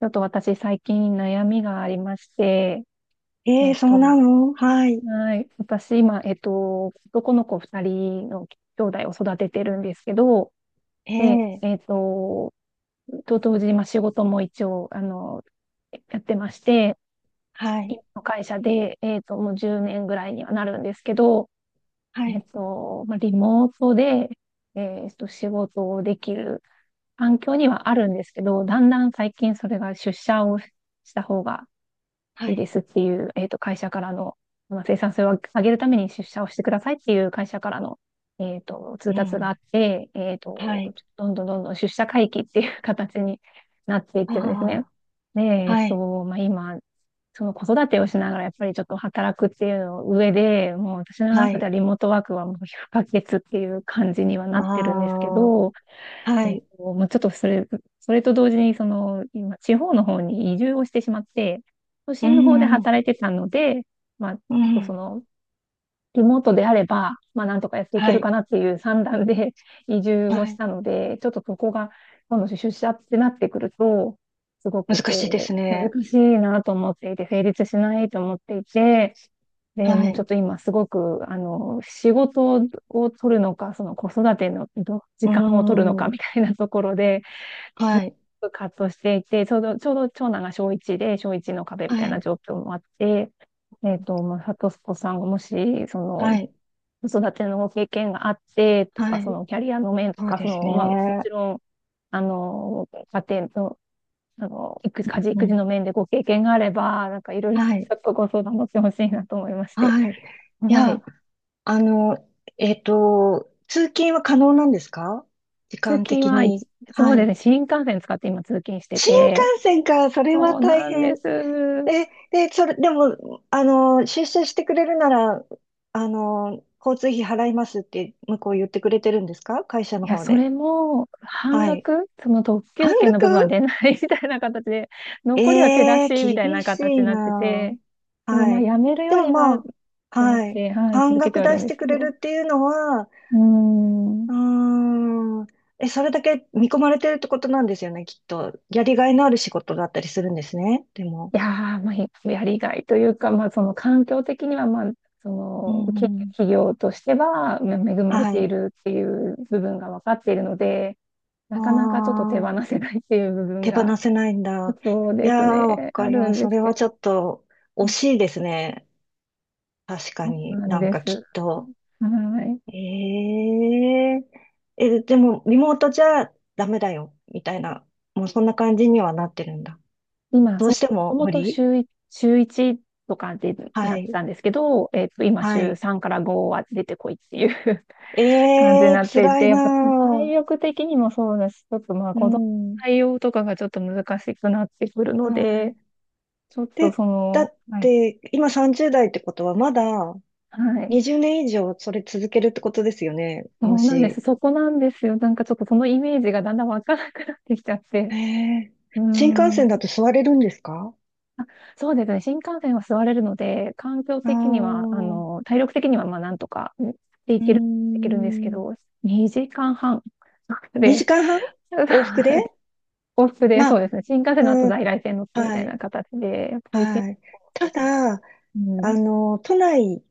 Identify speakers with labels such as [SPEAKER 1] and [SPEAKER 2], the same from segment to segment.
[SPEAKER 1] ちょっと私最近悩みがありまして、
[SPEAKER 2] え
[SPEAKER 1] え
[SPEAKER 2] え、
[SPEAKER 1] っ
[SPEAKER 2] そう
[SPEAKER 1] と、
[SPEAKER 2] なの。はい。
[SPEAKER 1] はい。私今、男の子二人の兄弟を育ててるんですけど、で、
[SPEAKER 2] え
[SPEAKER 1] えっ
[SPEAKER 2] え、
[SPEAKER 1] と、と同時にまあ仕事も一応、やってまして、
[SPEAKER 2] はい。
[SPEAKER 1] 今の会社で、もう10年ぐらいにはなるんですけど、
[SPEAKER 2] はい。
[SPEAKER 1] まあ、リモートで、仕事をできる環境にはあるんですけど、だんだん最近それが出社をした方が
[SPEAKER 2] は
[SPEAKER 1] いい
[SPEAKER 2] い。
[SPEAKER 1] ですっていう、会社からの、まあ生産性を上げるために出社をしてくださいっていう会社からの、通
[SPEAKER 2] う
[SPEAKER 1] 達があ
[SPEAKER 2] ん。
[SPEAKER 1] って、
[SPEAKER 2] はい。
[SPEAKER 1] どんどんどんどん出社回帰っていう形になっていっ
[SPEAKER 2] あ
[SPEAKER 1] てるんですね。で、
[SPEAKER 2] あ、
[SPEAKER 1] えっ
[SPEAKER 2] はい。
[SPEAKER 1] と、まあ、今、その子育てをしながらやっぱりちょっと働くっていうの上で、もう私の
[SPEAKER 2] は
[SPEAKER 1] 中で
[SPEAKER 2] い。
[SPEAKER 1] はリモートワークはもう不可欠っていう感じにはなっ
[SPEAKER 2] あ
[SPEAKER 1] てるんですけ
[SPEAKER 2] あ、
[SPEAKER 1] ど、
[SPEAKER 2] はい。
[SPEAKER 1] まあ、ちょっとそれ、それと同時に、その、今、地方の方に移住をしてしまって、都
[SPEAKER 2] う
[SPEAKER 1] 心の方で
[SPEAKER 2] ん。
[SPEAKER 1] 働いてたので、まあ、ちょ
[SPEAKER 2] う
[SPEAKER 1] っとそ
[SPEAKER 2] ん。
[SPEAKER 1] の、リモートであれば、まあ、なんとかやっていけ
[SPEAKER 2] は
[SPEAKER 1] るか
[SPEAKER 2] い。
[SPEAKER 1] なっていう算段で 移住を
[SPEAKER 2] は
[SPEAKER 1] し
[SPEAKER 2] い。
[SPEAKER 1] たので、ちょっとそこが、今度出社ってなってくると、すごく
[SPEAKER 2] 難しいで
[SPEAKER 1] こ
[SPEAKER 2] す
[SPEAKER 1] う、難
[SPEAKER 2] ね。
[SPEAKER 1] しいなと思っていて、成立しないと思っていて、で、
[SPEAKER 2] は
[SPEAKER 1] もうちょっ
[SPEAKER 2] い。
[SPEAKER 1] と今すごく、仕事を取るのか、その子育てのど時
[SPEAKER 2] う
[SPEAKER 1] 間を取るのか
[SPEAKER 2] ん。
[SPEAKER 1] みたいなところで、
[SPEAKER 2] はい。
[SPEAKER 1] 葛藤していて、ちょうど長男が小1で、小1の壁み
[SPEAKER 2] は
[SPEAKER 1] たいな
[SPEAKER 2] い。
[SPEAKER 1] 状況もあって、まあ、サトスコさんがもし、その、
[SPEAKER 2] はい。
[SPEAKER 1] 子育ての経験があってと
[SPEAKER 2] は
[SPEAKER 1] か、そ
[SPEAKER 2] い。
[SPEAKER 1] のキャリアの面と
[SPEAKER 2] そう
[SPEAKER 1] か、そ
[SPEAKER 2] です
[SPEAKER 1] の、まあ、もち
[SPEAKER 2] ね。
[SPEAKER 1] ろん、あの、家庭の、育
[SPEAKER 2] う
[SPEAKER 1] 家
[SPEAKER 2] ん。
[SPEAKER 1] 事育
[SPEAKER 2] う
[SPEAKER 1] 児
[SPEAKER 2] ん、
[SPEAKER 1] の面でご経験があれば、なんかいろいろち
[SPEAKER 2] はい。
[SPEAKER 1] ょっとご相談乗ってほしいなと思いまして。
[SPEAKER 2] はい。い
[SPEAKER 1] は
[SPEAKER 2] や、
[SPEAKER 1] い。
[SPEAKER 2] あの、通勤は可能なんですか、時
[SPEAKER 1] 通
[SPEAKER 2] 間
[SPEAKER 1] 勤
[SPEAKER 2] 的
[SPEAKER 1] は、
[SPEAKER 2] に。
[SPEAKER 1] そう
[SPEAKER 2] は
[SPEAKER 1] です
[SPEAKER 2] い。
[SPEAKER 1] ね、新幹線使って今通勤して
[SPEAKER 2] 新
[SPEAKER 1] て、
[SPEAKER 2] 幹線か、それは
[SPEAKER 1] そう
[SPEAKER 2] 大
[SPEAKER 1] なんで
[SPEAKER 2] 変。
[SPEAKER 1] す。
[SPEAKER 2] え、で、それ、でも、出社してくれるなら、交通費払いますって向こう言ってくれてるんですか、会社
[SPEAKER 1] い
[SPEAKER 2] の
[SPEAKER 1] や、
[SPEAKER 2] 方
[SPEAKER 1] そ
[SPEAKER 2] で。
[SPEAKER 1] れも、半
[SPEAKER 2] はい。
[SPEAKER 1] 額、その特
[SPEAKER 2] 半
[SPEAKER 1] 急券の部分は
[SPEAKER 2] 額。
[SPEAKER 1] 出ない みたいな形で、
[SPEAKER 2] え
[SPEAKER 1] 残りは手出
[SPEAKER 2] え
[SPEAKER 1] しみ
[SPEAKER 2] ー、
[SPEAKER 1] たい
[SPEAKER 2] 厳
[SPEAKER 1] な
[SPEAKER 2] し
[SPEAKER 1] 形に
[SPEAKER 2] い
[SPEAKER 1] なって
[SPEAKER 2] な。
[SPEAKER 1] て、
[SPEAKER 2] あ、
[SPEAKER 1] でも
[SPEAKER 2] は
[SPEAKER 1] まあ、
[SPEAKER 2] い。
[SPEAKER 1] やめる
[SPEAKER 2] で
[SPEAKER 1] よ
[SPEAKER 2] も
[SPEAKER 1] り
[SPEAKER 2] ま
[SPEAKER 1] は、
[SPEAKER 2] あ、
[SPEAKER 1] と思っ
[SPEAKER 2] はい。
[SPEAKER 1] て、はい、
[SPEAKER 2] 半
[SPEAKER 1] 続けて
[SPEAKER 2] 額
[SPEAKER 1] はいる
[SPEAKER 2] 出
[SPEAKER 1] ん
[SPEAKER 2] し
[SPEAKER 1] で
[SPEAKER 2] て
[SPEAKER 1] すけ
[SPEAKER 2] くれ
[SPEAKER 1] ど。う
[SPEAKER 2] るっていうのは、
[SPEAKER 1] ーん。
[SPEAKER 2] うーん、え、それだけ見込まれてるってことなんですよね、きっと。やりがいのある仕事だったりするんですね、でも。
[SPEAKER 1] いやー、まあ、やりがいというか、まあ、その環境的には、まあ、そ
[SPEAKER 2] う
[SPEAKER 1] の、企
[SPEAKER 2] ん、うん、
[SPEAKER 1] 企業としては、まあ恵まれ
[SPEAKER 2] は
[SPEAKER 1] てい
[SPEAKER 2] い。
[SPEAKER 1] るっていう部分が分かっているので、
[SPEAKER 2] あ
[SPEAKER 1] なかなかちょっと手放
[SPEAKER 2] あ、
[SPEAKER 1] せないっていう部分
[SPEAKER 2] 手
[SPEAKER 1] が、
[SPEAKER 2] 放せないんだ。
[SPEAKER 1] そう
[SPEAKER 2] い
[SPEAKER 1] です
[SPEAKER 2] やー、わ
[SPEAKER 1] ね、
[SPEAKER 2] か
[SPEAKER 1] あ
[SPEAKER 2] り
[SPEAKER 1] る
[SPEAKER 2] ま
[SPEAKER 1] ん
[SPEAKER 2] す。
[SPEAKER 1] で
[SPEAKER 2] そ
[SPEAKER 1] す
[SPEAKER 2] れ
[SPEAKER 1] け
[SPEAKER 2] は
[SPEAKER 1] ど、
[SPEAKER 2] ちょっと惜しいですね。確か
[SPEAKER 1] そう
[SPEAKER 2] に、
[SPEAKER 1] なん
[SPEAKER 2] なん
[SPEAKER 1] で
[SPEAKER 2] か
[SPEAKER 1] す。
[SPEAKER 2] きっと。
[SPEAKER 1] はい。
[SPEAKER 2] ええ、え、でも、リモートじゃダメだよ、みたいな、もうそんな感じにはなってるんだ。
[SPEAKER 1] 今、
[SPEAKER 2] ど
[SPEAKER 1] そ
[SPEAKER 2] うして
[SPEAKER 1] う、
[SPEAKER 2] も
[SPEAKER 1] も
[SPEAKER 2] 無
[SPEAKER 1] ともと
[SPEAKER 2] 理。
[SPEAKER 1] 週1とかで
[SPEAKER 2] は
[SPEAKER 1] なって
[SPEAKER 2] い、
[SPEAKER 1] たんですけど、今、
[SPEAKER 2] は
[SPEAKER 1] 週
[SPEAKER 2] い。
[SPEAKER 1] 3から5は出てこいっていう感じに
[SPEAKER 2] ええ、
[SPEAKER 1] なってい
[SPEAKER 2] 辛
[SPEAKER 1] て、
[SPEAKER 2] い
[SPEAKER 1] や
[SPEAKER 2] な
[SPEAKER 1] っぱ体
[SPEAKER 2] ー。
[SPEAKER 1] 力的にもそうだし、ちょっとまあ
[SPEAKER 2] う
[SPEAKER 1] 子供の
[SPEAKER 2] ん、
[SPEAKER 1] 対応とかがちょっと難しくなってくるの
[SPEAKER 2] は
[SPEAKER 1] で、
[SPEAKER 2] い。
[SPEAKER 1] ちょっと
[SPEAKER 2] で、
[SPEAKER 1] そ
[SPEAKER 2] だ
[SPEAKER 1] の、
[SPEAKER 2] っ
[SPEAKER 1] はい、
[SPEAKER 2] て、今30代ってことは、まだ、
[SPEAKER 1] はい、
[SPEAKER 2] 20年以上それ続けるってことですよね。
[SPEAKER 1] そ
[SPEAKER 2] も
[SPEAKER 1] うなんです。
[SPEAKER 2] し。
[SPEAKER 1] そこなんですよ。なんかちょっとそのイメージがだんだんわからなくなってきちゃっ
[SPEAKER 2] へ
[SPEAKER 1] て。
[SPEAKER 2] え。
[SPEAKER 1] うー
[SPEAKER 2] 新幹線
[SPEAKER 1] ん。
[SPEAKER 2] だと座れるんですか。
[SPEAKER 1] あ、そうですね。新幹線は座れるので、環境
[SPEAKER 2] ああ
[SPEAKER 1] 的には、
[SPEAKER 2] ー、う
[SPEAKER 1] 体力的にはまあなんとかでい
[SPEAKER 2] ー
[SPEAKER 1] ける、できるんですけ
[SPEAKER 2] ん。
[SPEAKER 1] ど、2時間半
[SPEAKER 2] 2
[SPEAKER 1] で、
[SPEAKER 2] 時間半往復で。
[SPEAKER 1] 往復で、
[SPEAKER 2] ま
[SPEAKER 1] そうで
[SPEAKER 2] あ、
[SPEAKER 1] すね。新幹線の後
[SPEAKER 2] うん、
[SPEAKER 1] 在来線乗ってみた
[SPEAKER 2] は
[SPEAKER 1] いな
[SPEAKER 2] い、
[SPEAKER 1] 形で、やっぱり結
[SPEAKER 2] はい。
[SPEAKER 1] 構、
[SPEAKER 2] た
[SPEAKER 1] その、
[SPEAKER 2] だ、
[SPEAKER 1] うん。
[SPEAKER 2] 都内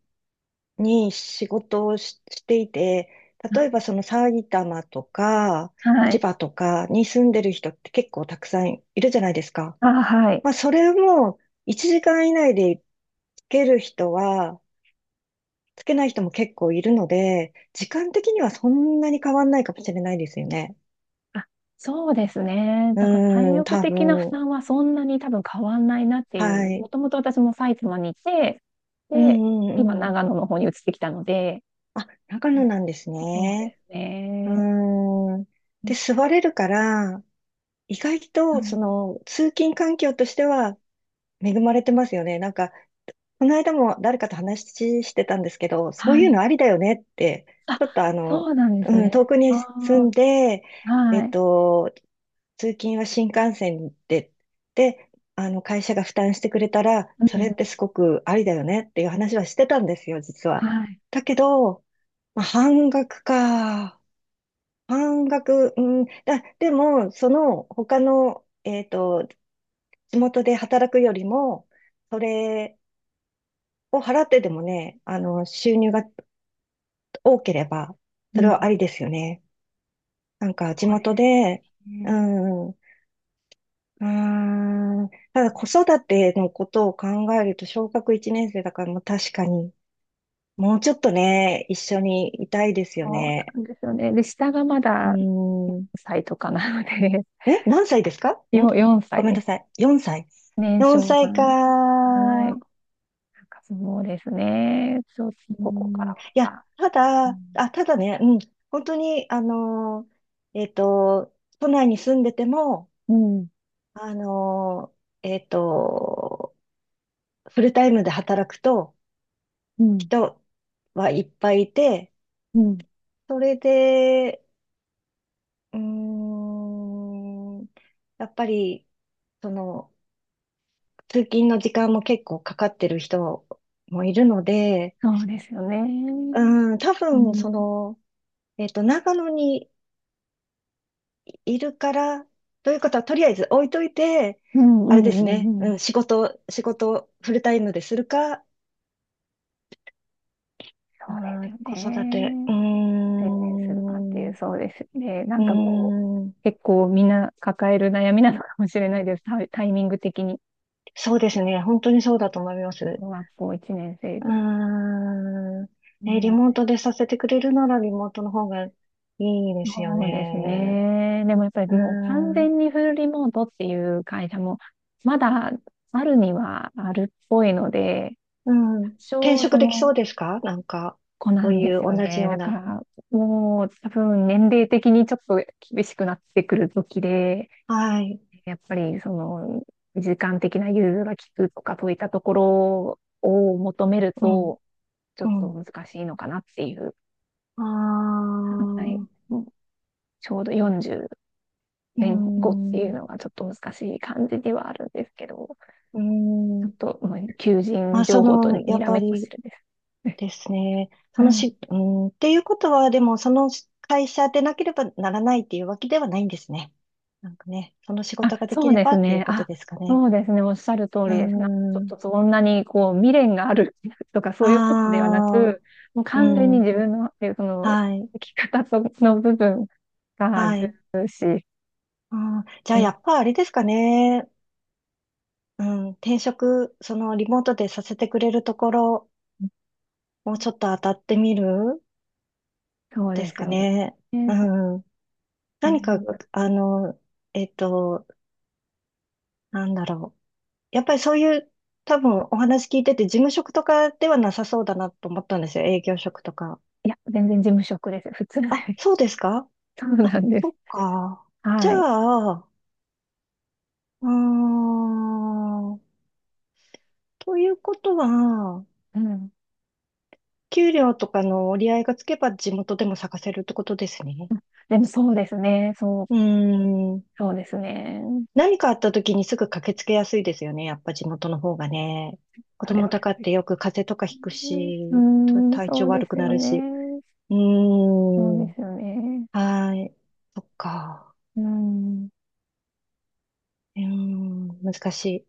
[SPEAKER 2] に仕事をし、していて、例
[SPEAKER 1] な
[SPEAKER 2] えばその埼玉とか、
[SPEAKER 1] は
[SPEAKER 2] 千
[SPEAKER 1] い。
[SPEAKER 2] 葉とかに住んでる人って結構たくさんいるじゃないですか。
[SPEAKER 1] あ、はい。
[SPEAKER 2] まあ、それも1時間以内でつける人は、つけない人も結構いるので、時間的にはそんなに変わんないかもしれないですよね。
[SPEAKER 1] あ、そうですね。
[SPEAKER 2] う
[SPEAKER 1] だから体
[SPEAKER 2] ーん、
[SPEAKER 1] 力
[SPEAKER 2] 多
[SPEAKER 1] 的な負
[SPEAKER 2] 分。
[SPEAKER 1] 担はそんなに多分変わんないなって
[SPEAKER 2] は
[SPEAKER 1] いう。も
[SPEAKER 2] い。
[SPEAKER 1] ともと私も埼玉にいて、
[SPEAKER 2] う
[SPEAKER 1] で、
[SPEAKER 2] ん、う
[SPEAKER 1] 今
[SPEAKER 2] ん、うん。
[SPEAKER 1] 長野の方に移ってきたので、
[SPEAKER 2] あ、長野なんです
[SPEAKER 1] そうで
[SPEAKER 2] ね。
[SPEAKER 1] す
[SPEAKER 2] う
[SPEAKER 1] ね。
[SPEAKER 2] ーん。
[SPEAKER 1] う
[SPEAKER 2] で、座れるから、意外
[SPEAKER 1] ん、
[SPEAKER 2] と、その、通勤環境としては恵まれてますよね。なんか、この間も誰かと話してたんですけど、そうい
[SPEAKER 1] は
[SPEAKER 2] うの
[SPEAKER 1] い。
[SPEAKER 2] ありだよねって、
[SPEAKER 1] あ、
[SPEAKER 2] ちょっとあ
[SPEAKER 1] そ
[SPEAKER 2] の、
[SPEAKER 1] うなんです
[SPEAKER 2] うん、遠
[SPEAKER 1] ね。
[SPEAKER 2] くに住
[SPEAKER 1] あ
[SPEAKER 2] んで、
[SPEAKER 1] あ、
[SPEAKER 2] え
[SPEAKER 1] は
[SPEAKER 2] っ
[SPEAKER 1] い。
[SPEAKER 2] と、通勤は新幹線で、で、会社が負担してくれたら、
[SPEAKER 1] う
[SPEAKER 2] そ
[SPEAKER 1] ん、
[SPEAKER 2] れってすごくありだよねっていう話はしてたんですよ、実
[SPEAKER 1] は
[SPEAKER 2] は。
[SPEAKER 1] い。
[SPEAKER 2] だけど、まあ、半額か。半額、うん、でも、その、他の、えっと、地元で働くよりも、それ、を払ってでもね、収入が多ければ、
[SPEAKER 1] う
[SPEAKER 2] それ
[SPEAKER 1] ん、
[SPEAKER 2] はありですよね。なんか、地
[SPEAKER 1] そうで
[SPEAKER 2] 元で、
[SPEAKER 1] す
[SPEAKER 2] う
[SPEAKER 1] ね。
[SPEAKER 2] ん、うーん、ただ子育てのことを考えると、小学1年生だから、もう確かに、もうちょっとね、一緒にいたいですよ
[SPEAKER 1] そう
[SPEAKER 2] ね。
[SPEAKER 1] なんですよね。で、下がま
[SPEAKER 2] う
[SPEAKER 1] だ4
[SPEAKER 2] ーん、
[SPEAKER 1] 歳とかなので、
[SPEAKER 2] え、何歳ですか ん
[SPEAKER 1] 4
[SPEAKER 2] ご
[SPEAKER 1] 歳
[SPEAKER 2] めん
[SPEAKER 1] で
[SPEAKER 2] な
[SPEAKER 1] す。
[SPEAKER 2] さい。4歳。
[SPEAKER 1] 年
[SPEAKER 2] 4
[SPEAKER 1] 少さ
[SPEAKER 2] 歳か。
[SPEAKER 1] んです。はい。なんかそうですね。ちょっと
[SPEAKER 2] う
[SPEAKER 1] ここか
[SPEAKER 2] ん、
[SPEAKER 1] ら
[SPEAKER 2] い
[SPEAKER 1] は
[SPEAKER 2] や、
[SPEAKER 1] さ、うん、
[SPEAKER 2] ただね、うん、本当に、都内に住んでても、
[SPEAKER 1] うん、
[SPEAKER 2] あのー、えっと、フルタイムで働くと、
[SPEAKER 1] うん、
[SPEAKER 2] 人はいっぱいいて、
[SPEAKER 1] うん、
[SPEAKER 2] それで、うーん、やっぱり、その、通勤の時間も結構かかってる人もいるので、
[SPEAKER 1] そうですよね。
[SPEAKER 2] うん、多
[SPEAKER 1] う
[SPEAKER 2] 分、そ
[SPEAKER 1] ん、
[SPEAKER 2] の、長野にいるから、ということは、とりあえず置いといて、
[SPEAKER 1] うん、う
[SPEAKER 2] あれです
[SPEAKER 1] ん、う
[SPEAKER 2] ね。
[SPEAKER 1] ん、う
[SPEAKER 2] う
[SPEAKER 1] ん。
[SPEAKER 2] ん、仕事をフルタイムでするか、
[SPEAKER 1] そ
[SPEAKER 2] う
[SPEAKER 1] うです
[SPEAKER 2] ん、
[SPEAKER 1] よ
[SPEAKER 2] 子育て。
[SPEAKER 1] ね。
[SPEAKER 2] うー
[SPEAKER 1] 専念するかってい
[SPEAKER 2] ん、
[SPEAKER 1] う、
[SPEAKER 2] う
[SPEAKER 1] そうですよね。な
[SPEAKER 2] ー
[SPEAKER 1] んかもう、
[SPEAKER 2] ん、
[SPEAKER 1] 結構みんな抱える悩みなのかもしれないです。タイミング的に。
[SPEAKER 2] そうですね。本当にそうだと思います。
[SPEAKER 1] 小学校1年生
[SPEAKER 2] うー
[SPEAKER 1] で。
[SPEAKER 2] ん、ね、リモ
[SPEAKER 1] ね、
[SPEAKER 2] ートでさせてくれるならリモートの方がいいですよ
[SPEAKER 1] そうです
[SPEAKER 2] ね。
[SPEAKER 1] ね。でもやっぱり
[SPEAKER 2] う
[SPEAKER 1] もう完
[SPEAKER 2] ーん、
[SPEAKER 1] 全にフルリモートっていう会社もまだあるにはあるっぽいので、
[SPEAKER 2] うん、
[SPEAKER 1] 多
[SPEAKER 2] 転
[SPEAKER 1] 少そ
[SPEAKER 2] 職できそ
[SPEAKER 1] の
[SPEAKER 2] うですか、なんか、
[SPEAKER 1] 子
[SPEAKER 2] そ
[SPEAKER 1] な
[SPEAKER 2] う
[SPEAKER 1] ん
[SPEAKER 2] い
[SPEAKER 1] で
[SPEAKER 2] う
[SPEAKER 1] すよ
[SPEAKER 2] 同じ
[SPEAKER 1] ね。
[SPEAKER 2] よう
[SPEAKER 1] だか
[SPEAKER 2] な。
[SPEAKER 1] らもう多分年齢的にちょっと厳しくなってくる時で、
[SPEAKER 2] はい、
[SPEAKER 1] やっぱりその時間的な融通が利くとかそういったところを求める
[SPEAKER 2] うん、
[SPEAKER 1] とちょ
[SPEAKER 2] う
[SPEAKER 1] っと
[SPEAKER 2] ん。
[SPEAKER 1] 難しいのかなっていう。
[SPEAKER 2] あ
[SPEAKER 1] はい。
[SPEAKER 2] あ、う
[SPEAKER 1] もうちょうど40
[SPEAKER 2] ん、
[SPEAKER 1] 前後っていう
[SPEAKER 2] う
[SPEAKER 1] のがちょっと難しい感じではあるんですけど、ちょっ
[SPEAKER 2] ん。
[SPEAKER 1] と、求
[SPEAKER 2] ま
[SPEAKER 1] 人
[SPEAKER 2] あ、そ
[SPEAKER 1] 情報と
[SPEAKER 2] の、や
[SPEAKER 1] に
[SPEAKER 2] っ
[SPEAKER 1] ら
[SPEAKER 2] ぱ
[SPEAKER 1] めっこし
[SPEAKER 2] り
[SPEAKER 1] てるです。
[SPEAKER 2] ですね。
[SPEAKER 1] う
[SPEAKER 2] その
[SPEAKER 1] ん。
[SPEAKER 2] し、うん、っていうことは、でも、その会社でなければならないっていうわけではないんですね。なんかね、その仕
[SPEAKER 1] あ、
[SPEAKER 2] 事ができ
[SPEAKER 1] そう
[SPEAKER 2] れ
[SPEAKER 1] で
[SPEAKER 2] ば
[SPEAKER 1] す
[SPEAKER 2] っていう
[SPEAKER 1] ね。
[SPEAKER 2] こと
[SPEAKER 1] あ、
[SPEAKER 2] ですかね。
[SPEAKER 1] そうですね。おっしゃる通
[SPEAKER 2] うー
[SPEAKER 1] りですな。ちょっ
[SPEAKER 2] ん、
[SPEAKER 1] とそんなにこう未練があるとかそ
[SPEAKER 2] あ
[SPEAKER 1] ういうことではな
[SPEAKER 2] あ、
[SPEAKER 1] く、もう
[SPEAKER 2] う
[SPEAKER 1] 完全に
[SPEAKER 2] ん、
[SPEAKER 1] 自分の、その、
[SPEAKER 2] はい、
[SPEAKER 1] 生き方との部分が
[SPEAKER 2] はい。
[SPEAKER 1] 重視。
[SPEAKER 2] あー、じゃ
[SPEAKER 1] う
[SPEAKER 2] あ、や
[SPEAKER 1] ん、
[SPEAKER 2] っぱあれですかね。うん、その、リモートでさせてくれるところ、もうちょっと当たってみる
[SPEAKER 1] そう
[SPEAKER 2] で
[SPEAKER 1] で
[SPEAKER 2] す
[SPEAKER 1] す
[SPEAKER 2] か
[SPEAKER 1] よね。
[SPEAKER 2] ね。
[SPEAKER 1] ね、
[SPEAKER 2] う
[SPEAKER 1] そ
[SPEAKER 2] ん。
[SPEAKER 1] う。うん、
[SPEAKER 2] 何か、あの、えっと、なんだろう。やっぱりそういう、多分お話聞いてて、事務職とかではなさそうだなと思ったんですよ。営業職とか。
[SPEAKER 1] いや、全然事務職です。普通で
[SPEAKER 2] あ、そうですか。
[SPEAKER 1] す。そう
[SPEAKER 2] あ、
[SPEAKER 1] なんで
[SPEAKER 2] そ
[SPEAKER 1] す。
[SPEAKER 2] っか。じゃ
[SPEAKER 1] はい。
[SPEAKER 2] あ、うーん。ということは、
[SPEAKER 1] うん。
[SPEAKER 2] 給料とかの折り合いがつけば地元でも探せるってことですね。
[SPEAKER 1] でもそうですね。そう。
[SPEAKER 2] うーん。
[SPEAKER 1] そうですね。
[SPEAKER 2] 何かあった時にすぐ駆けつけやすいですよね。やっぱ地元の方がね。子
[SPEAKER 1] それ
[SPEAKER 2] 供
[SPEAKER 1] はやっぱ
[SPEAKER 2] とかっ
[SPEAKER 1] り
[SPEAKER 2] てよく風邪とかひく
[SPEAKER 1] ね。う
[SPEAKER 2] し、
[SPEAKER 1] ーん、
[SPEAKER 2] 体
[SPEAKER 1] そ
[SPEAKER 2] 調
[SPEAKER 1] うで
[SPEAKER 2] 悪く
[SPEAKER 1] す
[SPEAKER 2] な
[SPEAKER 1] よ
[SPEAKER 2] るし。
[SPEAKER 1] ね。
[SPEAKER 2] う
[SPEAKER 1] そ
[SPEAKER 2] ー
[SPEAKER 1] うで
[SPEAKER 2] ん。
[SPEAKER 1] すよね。
[SPEAKER 2] はい。そっか。
[SPEAKER 1] うん。で
[SPEAKER 2] うーん。難しい。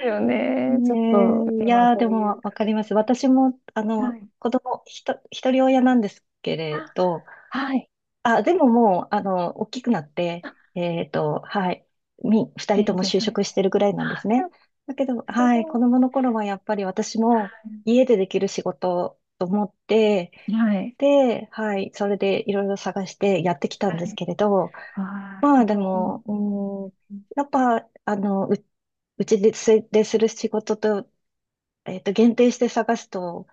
[SPEAKER 1] すよ ね。ちょっと、
[SPEAKER 2] ねえ、い
[SPEAKER 1] 今
[SPEAKER 2] やー、
[SPEAKER 1] そ
[SPEAKER 2] で
[SPEAKER 1] ういう
[SPEAKER 2] もわかります。私も、
[SPEAKER 1] 形。はい。
[SPEAKER 2] 子供、ひと、一人親なんですけれ
[SPEAKER 1] あ、
[SPEAKER 2] ど、
[SPEAKER 1] はい。
[SPEAKER 2] あ、でももう、大きくなって、
[SPEAKER 1] あ、
[SPEAKER 2] はい、二
[SPEAKER 1] 展
[SPEAKER 2] 人とも
[SPEAKER 1] 示
[SPEAKER 2] 就
[SPEAKER 1] され
[SPEAKER 2] 職
[SPEAKER 1] て。
[SPEAKER 2] してるぐらいなんで
[SPEAKER 1] あ、
[SPEAKER 2] すね。だけど、
[SPEAKER 1] す
[SPEAKER 2] はい、子
[SPEAKER 1] ごい。
[SPEAKER 2] 供の頃はやっぱり私も
[SPEAKER 1] は
[SPEAKER 2] 家でできる仕事と思って、
[SPEAKER 1] い。
[SPEAKER 2] で、はい、それでいろいろ探してやってきた
[SPEAKER 1] は
[SPEAKER 2] ん
[SPEAKER 1] い。
[SPEAKER 2] で
[SPEAKER 1] は
[SPEAKER 2] す
[SPEAKER 1] い。
[SPEAKER 2] けれど、
[SPEAKER 1] ああ、
[SPEAKER 2] ま
[SPEAKER 1] す
[SPEAKER 2] あで
[SPEAKER 1] ご
[SPEAKER 2] も、
[SPEAKER 1] い。
[SPEAKER 2] うーん、やっぱ、うちです、でする仕事と、限定して探すと、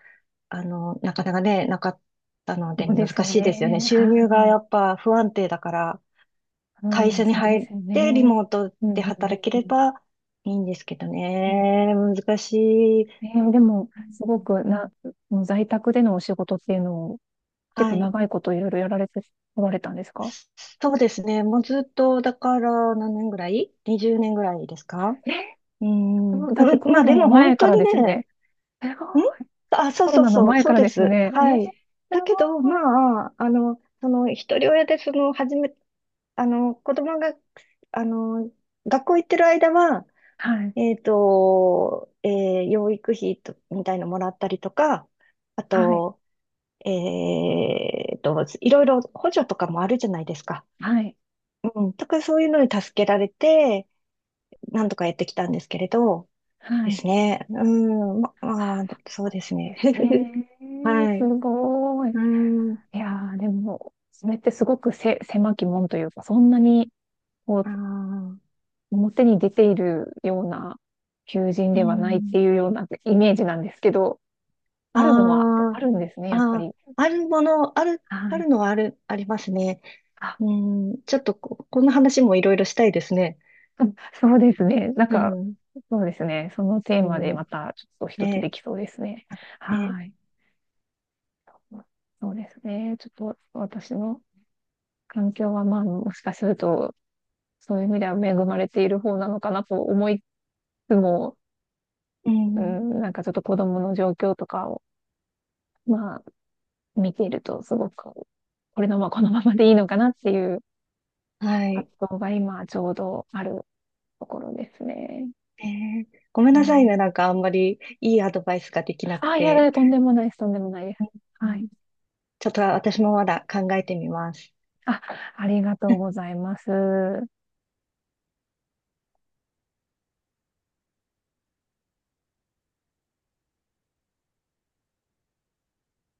[SPEAKER 2] なかなかね、なかったので
[SPEAKER 1] そうで
[SPEAKER 2] 難
[SPEAKER 1] すよ
[SPEAKER 2] しいですよね。
[SPEAKER 1] ね。
[SPEAKER 2] 収
[SPEAKER 1] はい。
[SPEAKER 2] 入がやっぱ不安定だから、
[SPEAKER 1] う
[SPEAKER 2] 会
[SPEAKER 1] ん、
[SPEAKER 2] 社に
[SPEAKER 1] そうで
[SPEAKER 2] 入っ
[SPEAKER 1] すよ
[SPEAKER 2] てリ
[SPEAKER 1] ね。
[SPEAKER 2] モート
[SPEAKER 1] うん、
[SPEAKER 2] で
[SPEAKER 1] うん、う
[SPEAKER 2] 働けれ
[SPEAKER 1] ん、
[SPEAKER 2] ばいいんですけど
[SPEAKER 1] うん。
[SPEAKER 2] ね。難しい。
[SPEAKER 1] でも、すごく
[SPEAKER 2] うん、
[SPEAKER 1] な、もう在宅でのお仕事っていうのを結
[SPEAKER 2] は
[SPEAKER 1] 構
[SPEAKER 2] い。
[SPEAKER 1] 長いこといろいろやられておられたんですか？
[SPEAKER 2] そうですね。もうずっと、だから何年ぐらい？ 20 年ぐらいですか。
[SPEAKER 1] えー
[SPEAKER 2] う
[SPEAKER 1] こ
[SPEAKER 2] ん。うん、
[SPEAKER 1] のだってコ
[SPEAKER 2] ま
[SPEAKER 1] ロ
[SPEAKER 2] あ
[SPEAKER 1] ナ
[SPEAKER 2] で
[SPEAKER 1] の
[SPEAKER 2] も本
[SPEAKER 1] 前か
[SPEAKER 2] 当
[SPEAKER 1] ら
[SPEAKER 2] に
[SPEAKER 1] ですよ
[SPEAKER 2] ね、
[SPEAKER 1] ね。すご
[SPEAKER 2] ん、
[SPEAKER 1] い。
[SPEAKER 2] あ、
[SPEAKER 1] コロナの前
[SPEAKER 2] そ
[SPEAKER 1] か
[SPEAKER 2] う
[SPEAKER 1] ら
[SPEAKER 2] で
[SPEAKER 1] ですよ
[SPEAKER 2] す。
[SPEAKER 1] ね。
[SPEAKER 2] は
[SPEAKER 1] す
[SPEAKER 2] い。だけど、
[SPEAKER 1] ご
[SPEAKER 2] ま
[SPEAKER 1] い。
[SPEAKER 2] あ、一人親で、子供が、あの、学校行ってる間は、
[SPEAKER 1] はい。
[SPEAKER 2] えっと、えー養育費とみたいのもらったりとか、あ
[SPEAKER 1] はい。
[SPEAKER 2] と、えっと、いろいろ補助とかもあるじゃないですか。
[SPEAKER 1] はい。
[SPEAKER 2] うん、とかそういうのに助けられて、なんとかやってきたんですけれど、
[SPEAKER 1] は
[SPEAKER 2] で
[SPEAKER 1] い。
[SPEAKER 2] すね。うん、まあ、そうです
[SPEAKER 1] で
[SPEAKER 2] ね。
[SPEAKER 1] す ね。
[SPEAKER 2] は
[SPEAKER 1] す
[SPEAKER 2] い。
[SPEAKER 1] ごい。
[SPEAKER 2] うん、
[SPEAKER 1] いやー、でも、それってすごく狭き門というか、そんなに、こ
[SPEAKER 2] あ
[SPEAKER 1] う、
[SPEAKER 2] あ、
[SPEAKER 1] 表に出ているような求人
[SPEAKER 2] う
[SPEAKER 1] ではないっ
[SPEAKER 2] ん。
[SPEAKER 1] ていうようなイメージなんですけど、
[SPEAKER 2] あ
[SPEAKER 1] あるのは、あ
[SPEAKER 2] ー、
[SPEAKER 1] るんですね、やっぱ
[SPEAKER 2] あ
[SPEAKER 1] り。
[SPEAKER 2] ー、あるもの、ある、
[SPEAKER 1] は
[SPEAKER 2] あ
[SPEAKER 1] い。
[SPEAKER 2] るのはある、ありますね。
[SPEAKER 1] あ、
[SPEAKER 2] うん、ちょっとこ、この話もいろいろしたいですね。
[SPEAKER 1] うん、そうですね。なん
[SPEAKER 2] う
[SPEAKER 1] か、
[SPEAKER 2] ん、
[SPEAKER 1] そうですね。そのテー
[SPEAKER 2] う
[SPEAKER 1] マでま
[SPEAKER 2] ん、
[SPEAKER 1] たちょっと一つで
[SPEAKER 2] ね、
[SPEAKER 1] きそうですね。
[SPEAKER 2] あ、ね、
[SPEAKER 1] はい。そうですね。ちょっと私の環境は、まあ、もしかすると、そういう意味では恵まれている方なのかなと思いつつも、
[SPEAKER 2] う
[SPEAKER 1] う
[SPEAKER 2] ん、
[SPEAKER 1] ん、なんかちょっと子供の状況とかを、まあ、見ていると、すごく、このままでいいのかなっていう
[SPEAKER 2] はい。
[SPEAKER 1] 葛藤が今、ちょうどあるところですね。
[SPEAKER 2] ね、ごめん
[SPEAKER 1] う
[SPEAKER 2] なさいね、
[SPEAKER 1] ん、
[SPEAKER 2] なんかあんまりいいアドバイスができなく
[SPEAKER 1] あ、いや
[SPEAKER 2] て。
[SPEAKER 1] だ、とんでもないです。とんでもないです。
[SPEAKER 2] う
[SPEAKER 1] はい。
[SPEAKER 2] ん、ちょっと私もまだ考えてみます。
[SPEAKER 1] あ、ありがとうございます。